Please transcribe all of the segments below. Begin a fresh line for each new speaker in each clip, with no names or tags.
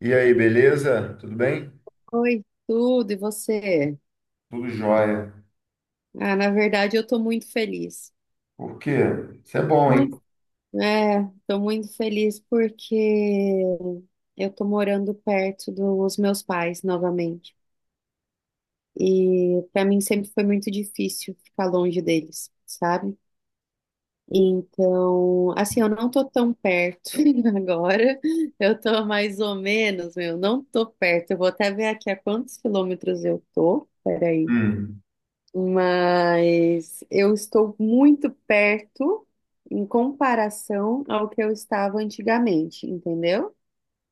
E aí, beleza? Tudo bem?
Oi, tudo, e você?
Tudo jóia.
Ah, na verdade, eu tô muito feliz.
Por quê? Isso é bom, hein?
Muito, é, tô muito feliz porque eu tô morando perto dos meus pais novamente. E pra mim sempre foi muito difícil ficar longe deles, sabe? Então, assim, eu não tô tão perto agora. Eu tô mais ou menos, meu, não tô perto. Eu vou até ver aqui a quantos quilômetros eu tô. Peraí.
Hum,
Mas eu estou muito perto em comparação ao que eu estava antigamente, entendeu?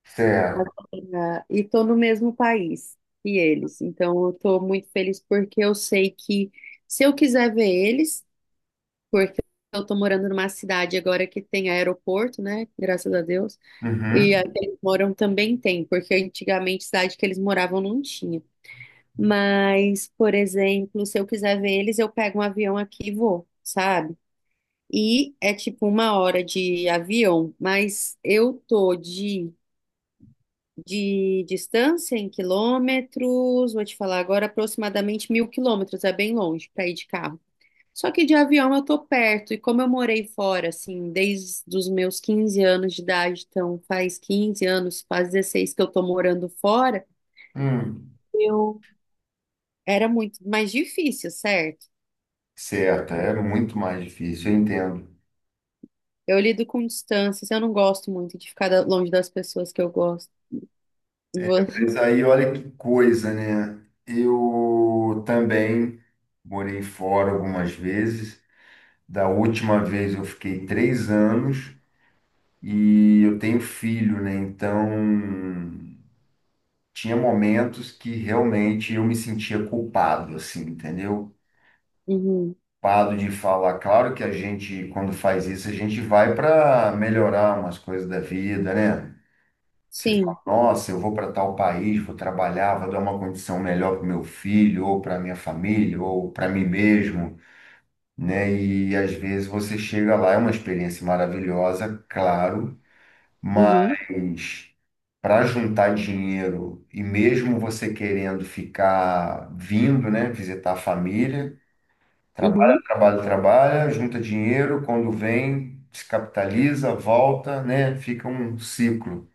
certo.
Ah, e estou no mesmo país que eles. Então eu estou muito feliz porque eu sei que se eu quiser ver eles, porque eu estou morando numa cidade agora que tem aeroporto, né? Graças a Deus. E a
Uhum.
que eles moram também tem, porque antigamente cidade que eles moravam não tinha. Mas, por exemplo, se eu quiser ver eles, eu pego um avião aqui e vou, sabe? E é tipo uma hora de avião, mas eu tô de distância em quilômetros, vou te falar agora, aproximadamente 1.000 quilômetros, é bem longe para ir de carro. Só que de avião eu tô perto, e como eu morei fora, assim, desde os meus 15 anos de idade, então faz 15 anos, faz 16 que eu tô morando fora,
Hum,
eu era muito mais difícil, certo?
certo, é muito mais difícil, eu entendo.
Eu lido com distâncias, eu não gosto muito de ficar longe das pessoas que eu gosto. Vo-
Mas aí, olha que coisa, né? Eu também morei fora algumas vezes. Da última vez eu fiquei 3 anos e eu tenho filho, né? Então, tinha momentos que realmente eu me sentia culpado, assim, entendeu?
Uhum.
Preocupado de falar. Claro que a gente, quando faz isso, a gente vai para melhorar umas coisas da vida, né? Você
Sim.
fala, nossa, eu vou para tal país, vou trabalhar, vou dar uma condição melhor para meu filho, ou para minha família, ou para mim mesmo, né? E às vezes você chega lá, é uma experiência maravilhosa, claro,
Uhum.
mas para juntar dinheiro e mesmo você querendo ficar vindo, né, visitar a família. Trabalha,
Uhum.
trabalha, trabalha, junta dinheiro, quando vem, descapitaliza, volta, né? Fica um ciclo.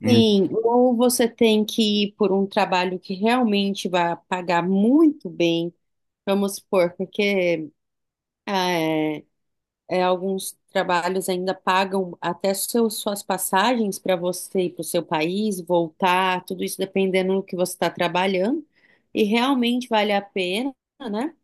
E-
ou você tem que ir por um trabalho que realmente vai pagar muito bem, vamos supor, porque ah, alguns trabalhos ainda pagam até suas passagens para você ir para o seu país, voltar, tudo isso dependendo do que você está trabalhando, e realmente vale a pena, né?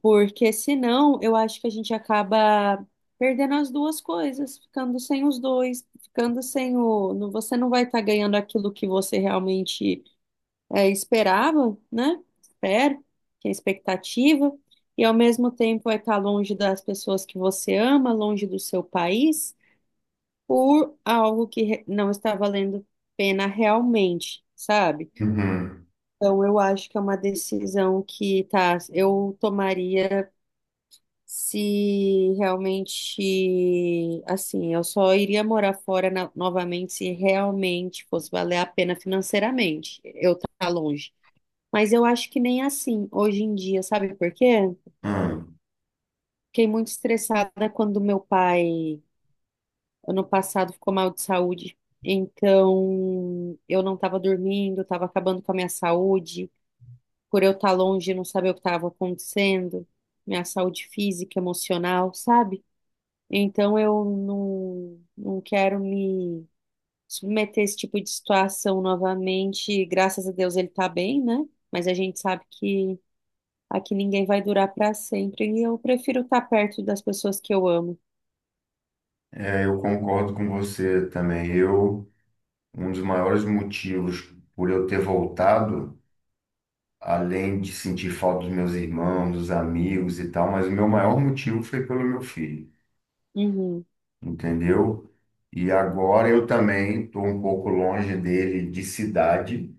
Porque senão eu acho que a gente acaba perdendo as duas coisas, ficando sem os dois, ficando sem o. não- Você não vai estar ganhando aquilo que você realmente esperava, né? Espera, que é expectativa, e ao mesmo tempo vai estar longe das pessoas que você ama, longe do seu país, por algo que não está valendo pena realmente, sabe?
Uhum.
Então eu acho que é uma decisão que tá, eu tomaria se realmente, assim, eu só iria morar fora novamente se realmente fosse valer a pena financeiramente eu estar longe. Mas eu acho que nem assim hoje em dia, sabe por quê?
Hum.
Fiquei muito estressada quando meu pai, ano passado, ficou mal de saúde. Então, eu não estava dormindo, estava acabando com a minha saúde, por eu estar longe e não saber o que estava acontecendo, minha saúde física, emocional, sabe? Então eu não, não quero me submeter a esse tipo de situação novamente. Graças a Deus ele tá bem, né? Mas a gente sabe que aqui ninguém vai durar para sempre e eu prefiro estar perto das pessoas que eu amo.
É, eu concordo com você também. Eu, um dos maiores motivos por eu ter voltado, além de sentir falta dos meus irmãos, dos amigos e tal, mas o meu maior motivo foi pelo meu filho,
Uhum,
entendeu? E agora eu também estou um pouco longe dele de cidade.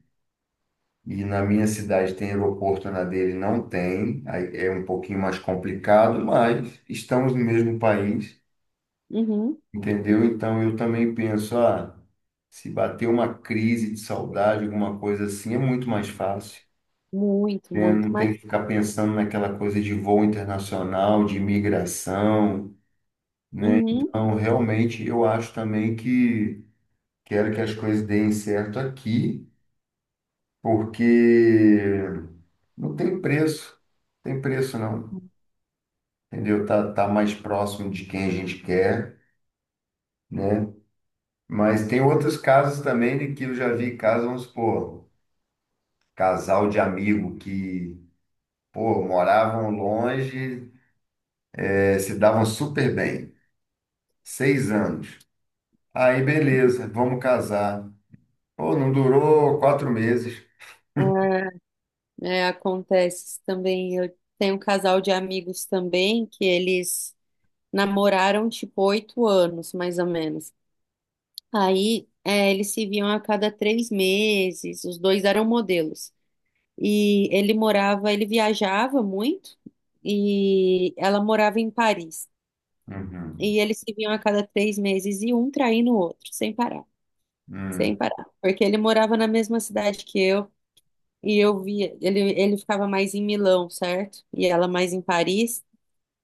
E na minha cidade tem aeroporto, na dele não tem. Aí é um pouquinho mais complicado, mas estamos no mesmo país,
uhum,
entendeu? Então eu também penso, ah, se bater uma crise de saudade, alguma coisa assim, é muito mais fácil.
muito,
Né?
muito,
Não
mas
tem que ficar pensando naquela coisa de voo internacional, de imigração.
uhum,
Então, realmente, eu acho também que quero que as coisas deem certo aqui, porque não tem preço, não tem preço não. Entendeu? Tá, tá mais próximo de quem a gente quer, né? Mas tem outros casos também de que eu já vi casos, vamos supor, casal de amigo que, pô, moravam longe, se davam super bem, 6 anos. Aí, beleza, vamos casar. Pô, não durou 4 meses.
é, é, acontece também. Eu tenho um casal de amigos também que eles namoraram tipo 8 anos, mais ou menos. Aí, é, eles se viam a cada 3 meses, os dois eram modelos. E ele morava, ele viajava muito, e ela morava em Paris.
Uhum.
E eles se viam a cada três meses, e um traindo o outro, sem parar, sem
Hum.
parar. Porque ele morava na mesma cidade que eu, e eu via, ele ficava mais em Milão, certo? E ela mais em Paris.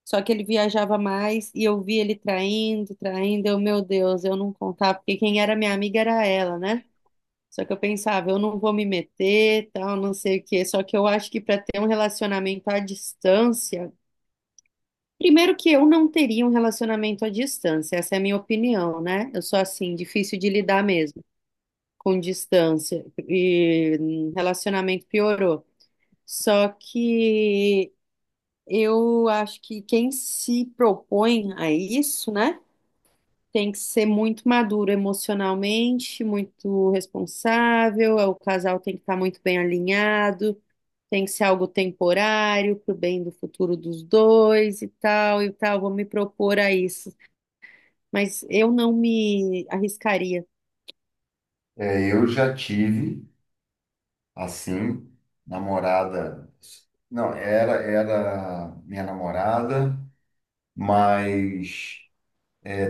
Só que ele viajava mais e eu via ele traindo, traindo. Eu, meu Deus, eu não contava, porque quem era minha amiga era ela, né? Só que eu pensava, eu não vou me meter, tal, não sei o quê. Só que eu acho que para ter um relacionamento à distância, primeiro que eu não teria um relacionamento à distância, essa é a minha opinião, né? Eu sou assim, difícil de lidar mesmo com distância e relacionamento piorou. Só que eu acho que quem se propõe a isso, né? Tem que ser muito maduro emocionalmente, muito responsável. O casal tem que estar muito bem alinhado, tem que ser algo temporário, pro bem do futuro dos dois e tal e tal. Vou me propor a isso, mas eu não me arriscaria.
É, eu já tive, assim, namorada. Não, era, era minha namorada, mas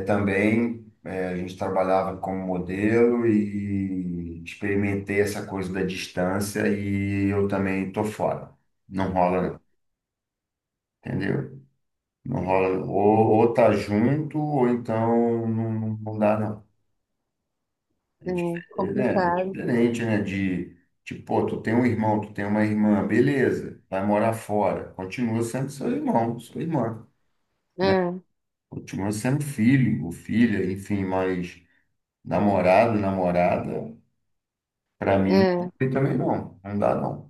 também a gente trabalhava como modelo e experimentei essa coisa da distância e eu também tô fora. Não rola, não, entendeu? Não rola. Ou tá junto, ou então não, não não dá, não. É,
É
é, né? É
complicado.
diferente, né? De, tipo, pô, tu tem um irmão, tu tem uma irmã, beleza, vai morar fora. Continua sendo seu irmão, sua irmã, né?
É,
Continua sendo filho, ou filha, enfim, mas namorado, namorada. Para mim, não
é,
tem também não, não dá não.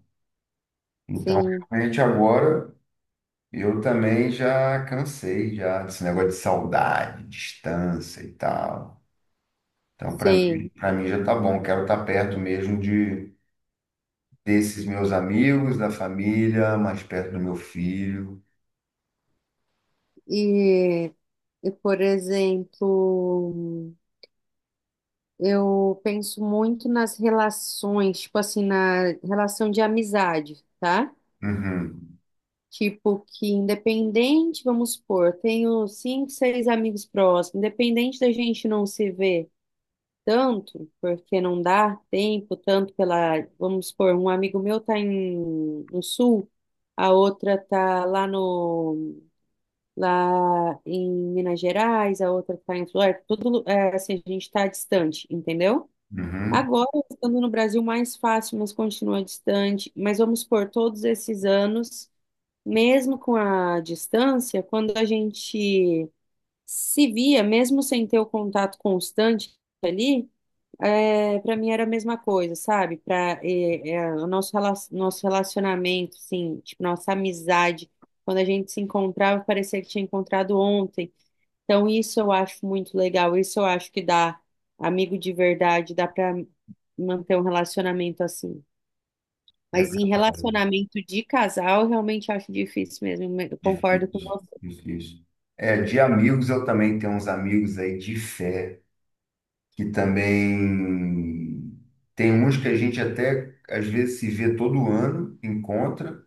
Então,
sim,
realmente agora eu também já cansei já desse negócio de saudade, distância e tal. Então,
sim.
para mim já tá bom. Quero estar perto mesmo de desses meus amigos, da família, mais perto do meu filho.
E, e por exemplo. Eu penso muito nas relações, tipo assim, na relação de amizade, tá?
Uhum,
Tipo que independente, vamos supor, tenho cinco, seis amigos próximos, independente da gente não se ver tanto, porque não dá tempo tanto pela, vamos supor, um amigo meu tá no sul, a outra tá lá no, lá em Minas Gerais, a outra tá em Flórida, tudo, é, assim, a gente tá distante, entendeu?
uhum.
Agora, estando no Brasil, mais fácil, mas continua distante. Mas vamos por todos esses anos, mesmo com a distância, quando a gente se via, mesmo sem ter o contato constante ali, é, para mim era a mesma coisa, sabe? Para o nosso relacionamento, assim, tipo, nossa amizade, quando a gente se encontrava, parecia que tinha encontrado ontem. Então, isso eu acho muito legal. Isso eu acho que dá amigo de verdade, dá para manter um relacionamento assim.
É
Mas em
verdade.
relacionamento de casal, eu realmente acho difícil mesmo. Eu concordo com
Difícil,
você.
difícil. É, de amigos eu também tenho uns amigos aí de fé, que também tem uns que a gente até às vezes se vê todo ano, encontra,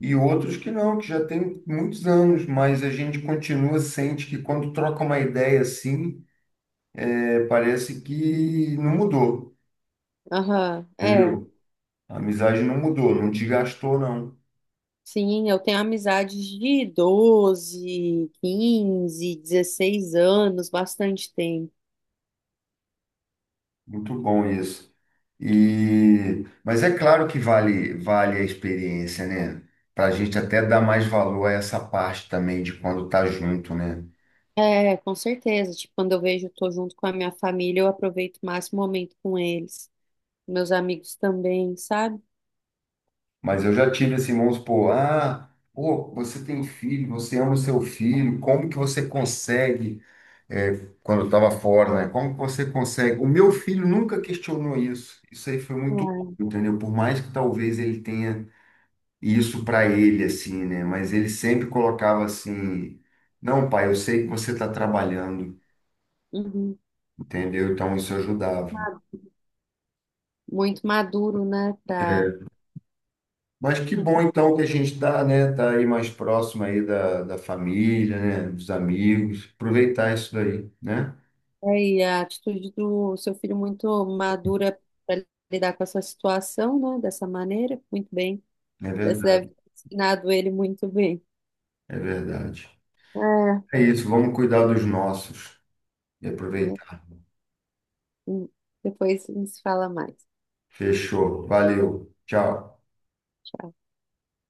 e outros que não, que já tem muitos anos, mas a gente continua, sente que quando troca uma ideia assim, é, parece que não mudou,
Aham, é.
entendeu? A amizade não mudou, não desgastou, não.
Sim, eu tenho amizades de 12, 15, 16 anos, bastante tempo.
Muito bom isso. E, mas é claro que vale, vale a experiência, né? Para a gente até dar mais valor a essa parte também de quando tá junto, né?
É, com certeza. Tipo, quando eu vejo, eu tô junto com a minha família, eu aproveito o máximo momento com eles. Meus amigos também, sabe?
Mas eu já tive assim, vamos supor, ah, pô, você tem filho, você ama o seu filho, como que você consegue, é, quando eu estava fora, né? Como que você consegue? O meu filho nunca questionou isso. Isso aí foi muito
Ah,
bom, entendeu? Por mais que talvez ele tenha isso para ele, assim, né? Mas ele sempre colocava assim, não, pai, eu sei que você está trabalhando,
uhum.
entendeu? Então isso ajudava.
Muito maduro, né? Pra...
Mas que bom então que a gente está, né, tá aí mais próximo aí da, da família, né, dos amigos, aproveitar isso daí, né?
É, e a atitude do seu filho muito madura para lidar com essa situação, né? Dessa maneira, muito bem.
É
Você
verdade,
deve ter ensinado ele muito bem.
é verdade.
É,
É isso, vamos cuidar dos nossos e
né?
aproveitar.
hum, Depois a gente se fala mais.
Fechou, valeu, tchau.
Tchau.